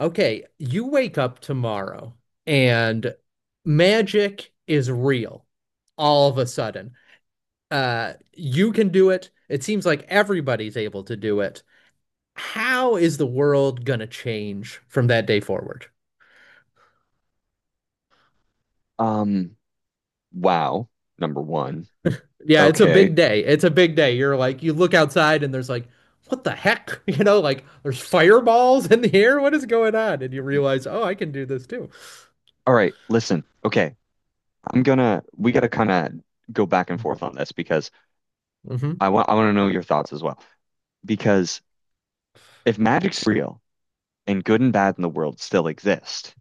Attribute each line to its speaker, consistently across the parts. Speaker 1: Okay, you wake up tomorrow and magic is real all of a sudden. You can do it. It seems like everybody's able to do it. How is the world gonna change from that day forward?
Speaker 2: Um, wow, number one.
Speaker 1: Yeah, it's a
Speaker 2: Okay.
Speaker 1: big day. It's a big day. You're like, you look outside and there's like, what the heck? You know, like there's fireballs in the air. What is going on? And you realize, oh, I can do this too.
Speaker 2: All right, listen. Okay. I'm gonna We gotta kind of go back and forth on this because
Speaker 1: hmm
Speaker 2: I want to know your thoughts as well. Because if magic's real and good and bad in the world still exist,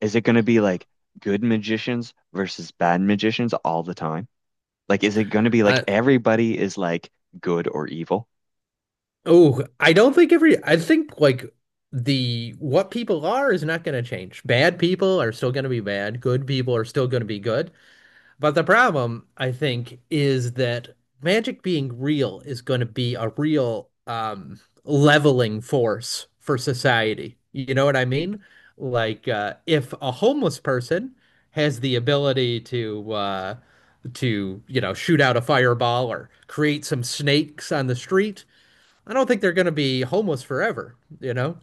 Speaker 2: is it gonna be like good magicians versus bad magicians all the time? Like, is it gonna be like everybody is like good or evil?
Speaker 1: Oh, I don't think every, I think like the what people are is not going to change. Bad people are still going to be bad. Good people are still going to be good. But the problem, I think, is that magic being real is going to be a real leveling force for society. You know what I mean? Like if a homeless person has the ability to you know shoot out a fireball or create some snakes on the street I don't think they're going to be homeless forever, you know?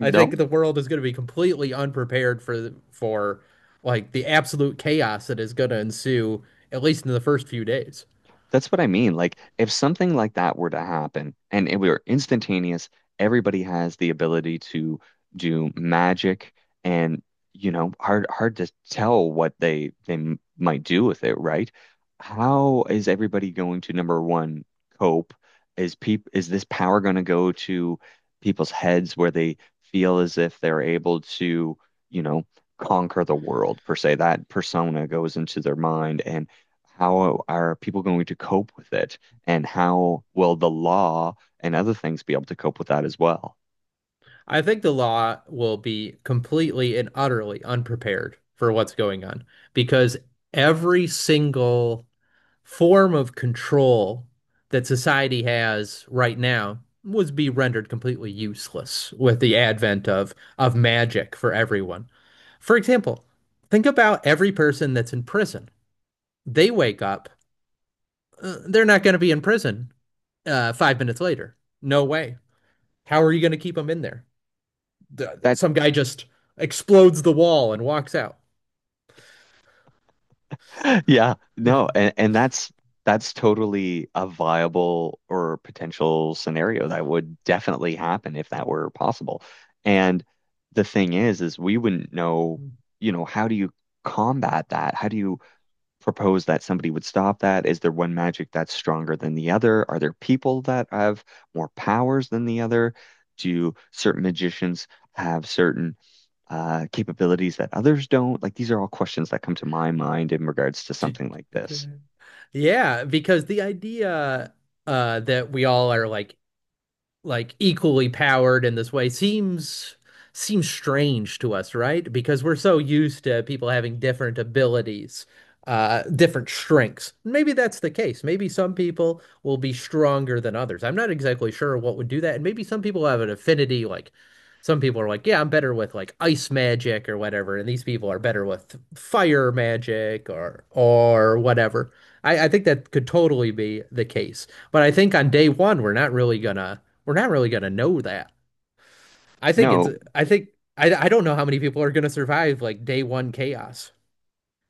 Speaker 1: I think the world is going to be completely unprepared for like the absolute chaos that is going to ensue at least in the first few days.
Speaker 2: That's what I mean. Like, if something like that were to happen and it were instantaneous, everybody has the ability to do magic and, you know, hard to tell what they might do with it, right? How is everybody going to number one cope? Is this power going to go to people's heads where they feel as if they're able to, you know, conquer the world per se? That persona goes into their mind and how are people going to cope with it? And how will the law and other things be able to cope with that as well?
Speaker 1: I think the law will be completely and utterly unprepared for what's going on because every single form of control that society has right now would be rendered completely useless with the advent of magic for everyone. For example, think about every person that's in prison. They wake up, they're not going to be in prison 5 minutes later. No way. How are you going to keep them in there?
Speaker 2: That,
Speaker 1: Some guy just explodes the wall and walks out.
Speaker 2: yeah, no, and that's totally a viable or potential scenario that would definitely happen if that were possible. And the thing is we wouldn't know, how do you combat that? How do you propose that somebody would stop that? Is there one magic that's stronger than the other? Are there people that have more powers than the other? Do certain magicians have certain capabilities that others don't? Like these are all questions that come to my mind in regards to something like this.
Speaker 1: Yeah, because the idea that we all are like equally powered in this way seems strange to us, right? Because we're so used to people having different abilities, different strengths. Maybe that's the case. Maybe some people will be stronger than others. I'm not exactly sure what would do that. And maybe some people have an affinity, like some people are like, yeah, I'm better with like ice magic or whatever, and these people are better with fire magic or whatever. I think that could totally be the case. But I think on day one, we're not really gonna know that. I think it's
Speaker 2: No,
Speaker 1: I think I don't know how many people are gonna survive like day one chaos.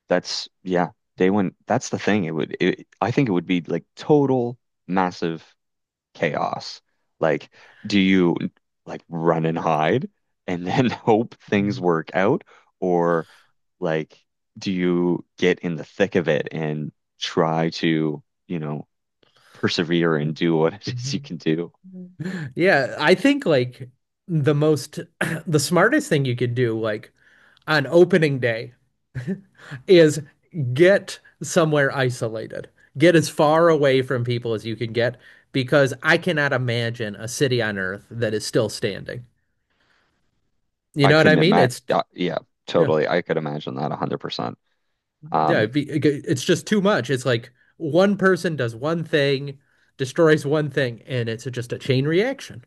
Speaker 2: that's yeah, day one. That's the thing. I think it would be like total massive chaos. Like, do you like run and hide and then hope things work out? Or like, do you get in the thick of it and try to, you know, persevere and do what it is you can do?
Speaker 1: Yeah, I think like the most the smartest thing you could do like on opening day is get somewhere isolated. Get as far away from people as you can get because I cannot imagine a city on Earth that is still standing. You
Speaker 2: I
Speaker 1: know what I
Speaker 2: couldn't
Speaker 1: mean?
Speaker 2: imagine.
Speaker 1: It's
Speaker 2: Yeah, yeah,
Speaker 1: yeah.
Speaker 2: totally. I could imagine that 100%.
Speaker 1: Yeah,
Speaker 2: Um,
Speaker 1: it's just too much. It's like one person does one thing, destroys one thing, and it's just a chain reaction.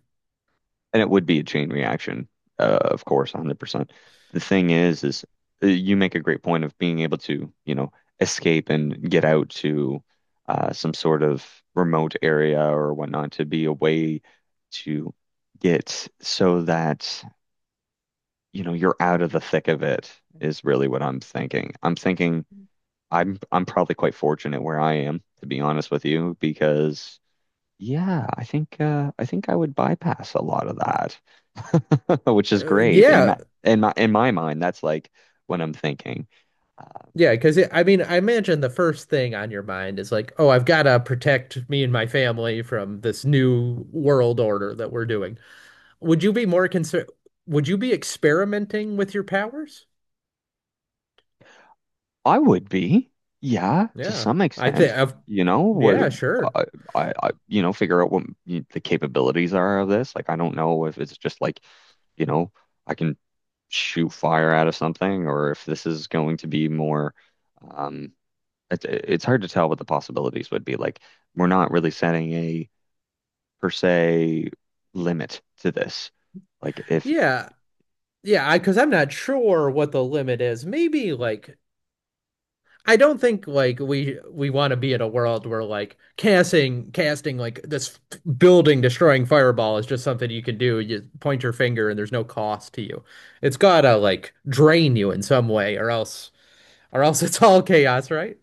Speaker 2: And it would be a chain reaction, of course, 100%. The thing is you make a great point of being able to, escape and get out to some sort of remote area or whatnot to be away to get so that, you're out of the thick of it is really what I'm thinking. I'm thinking I'm probably quite fortunate where I am, to be honest with you, because yeah, I think I would bypass a lot of that. Which is
Speaker 1: Uh,
Speaker 2: great. And
Speaker 1: yeah,
Speaker 2: my, in my in my mind, that's like what I'm thinking. Uh,
Speaker 1: yeah, because I mean, I imagine the first thing on your mind is like, oh, I've got to protect me and my family from this new world order that we're doing. Would you be more concerned? Would you be experimenting with your powers?
Speaker 2: I would be, yeah, to
Speaker 1: Yeah,
Speaker 2: some
Speaker 1: I think
Speaker 2: extent.
Speaker 1: I've,
Speaker 2: You know what?
Speaker 1: yeah, sure.
Speaker 2: I, I figure out what the capabilities are of this. Like, I don't know if it's just like, you know, I can shoot fire out of something, or if this is going to be more. Um, it's hard to tell what the possibilities would be. Like, we're not really setting a per se limit to this. Like if
Speaker 1: Yeah, yeah, I because I'm not sure what the limit is. Maybe like I don't think like we want to be in a world where like casting like this building destroying fireball is just something you can do. You point your finger and there's no cost to you. It's gotta like drain you in some way, or else it's all chaos, right?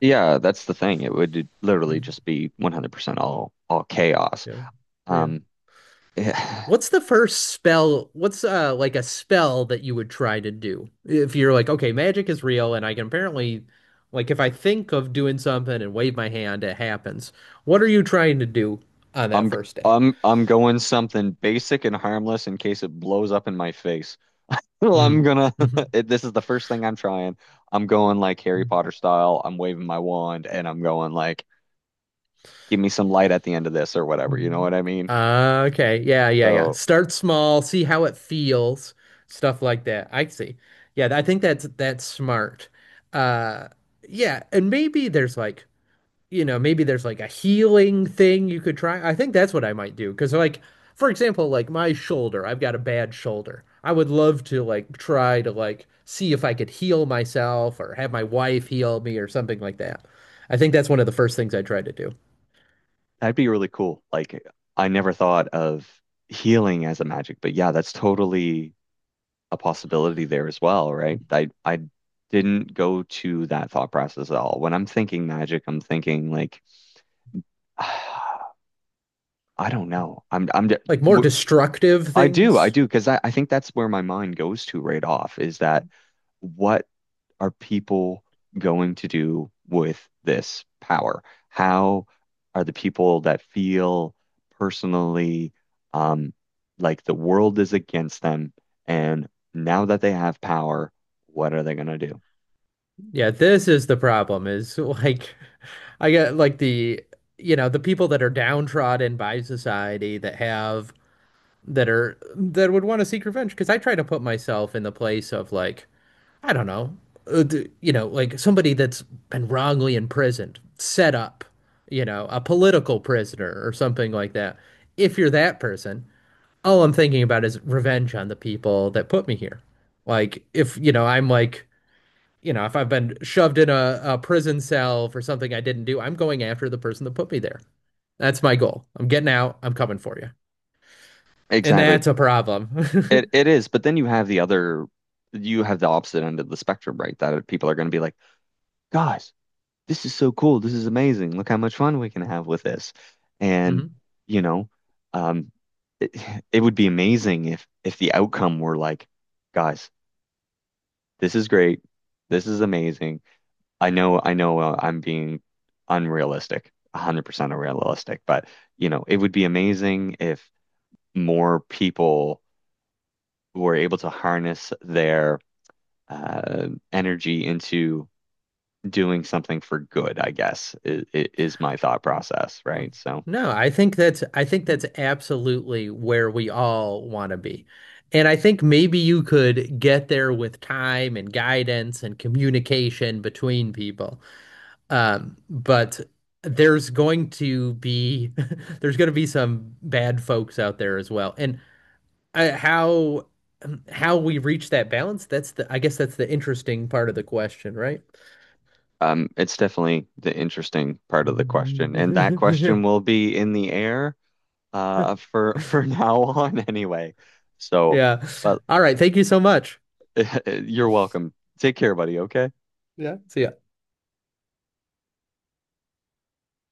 Speaker 2: Yeah, that's the thing. It would literally
Speaker 1: Mhm.
Speaker 2: just be 100% all chaos.
Speaker 1: Yeah, yeah.
Speaker 2: Um,
Speaker 1: What's the first spell? What's like a spell that you would try to do? If you're like, okay, magic is real and I can apparently like if I think of doing something and wave my hand, it happens. What are you trying to do on that
Speaker 2: I'm
Speaker 1: first day?
Speaker 2: I'm going something basic and harmless in case it blows up in my face. Well,
Speaker 1: Mm.
Speaker 2: I'm gonna
Speaker 1: Mm-hmm.
Speaker 2: this is the first thing I'm trying. I'm going like Harry Potter style. I'm waving my wand and I'm going like give me some light at the end of this or whatever. You know
Speaker 1: hmm
Speaker 2: what I mean?
Speaker 1: Okay. Yeah, yeah, yeah.
Speaker 2: So
Speaker 1: Start small, see how it feels, stuff like that. I see. Yeah, I think that's smart. Uh yeah, and maybe there's like you know, maybe there's like a healing thing you could try. I think that's what I might do. Because, like, for example, like my shoulder, I've got a bad shoulder. I would love to like try to like see if I could heal myself or have my wife heal me or something like that. I think that's one of the first things I try to do.
Speaker 2: that'd be really cool. Like I never thought of healing as a magic, but yeah, that's totally a possibility there as well, right? I didn't go to that thought process at all. When I'm thinking magic, I'm thinking like I don't know.
Speaker 1: Like more
Speaker 2: W-
Speaker 1: destructive
Speaker 2: I do I
Speaker 1: things.
Speaker 2: do because I think that's where my mind goes to right off is that what are people going to do with this power? How are the people that feel personally um like the world is against them and now that they have power, what are they going to do?
Speaker 1: Yeah, this is the problem is like I get like the you know, the people that are downtrodden by society that have that would want to seek revenge because I try to put myself in the place of like I don't know, uh, you know, like somebody that's been wrongly imprisoned, set up, you know, a political prisoner or something like that. If you're that person, all I'm thinking about is revenge on the people that put me here. Like if, you know, I'm like, you know, if I've been shoved in a prison cell for something I didn't do, I'm going after the person that put me there. That's my goal. I'm getting out. I'm coming for you. And
Speaker 2: Exactly.
Speaker 1: that's a
Speaker 2: It
Speaker 1: problem.
Speaker 2: it is, but then you have the opposite end of the spectrum, right? That people are going to be like, "Guys, this is so cool. This is amazing. Look how much fun we can have with this." And,
Speaker 1: Mhm.
Speaker 2: you know, um it, it would be amazing if the outcome were like, "Guys, this is great. This is amazing. I know I'm being unrealistic, 100% unrealistic, but, you know, it would be amazing if more people were able to harness their energy into doing something for good, I guess, is my thought process,
Speaker 1: Hmm.
Speaker 2: right? So,
Speaker 1: No, I think that's absolutely where we all want to be. And I think maybe you could get there with time and guidance and communication between people. But there's going to be there's going to be some bad folks out there as well. And uh, how how we reach that balance, that's the I guess that's the interesting part of the question, right?
Speaker 2: it's definitely the interesting part of the question, and that question will be in the air, for for now on anyway. So,
Speaker 1: Yeah.
Speaker 2: but
Speaker 1: All right. Thank you so much.
Speaker 2: you're welcome. Take care, buddy. Okay.
Speaker 1: Yeah. See ya.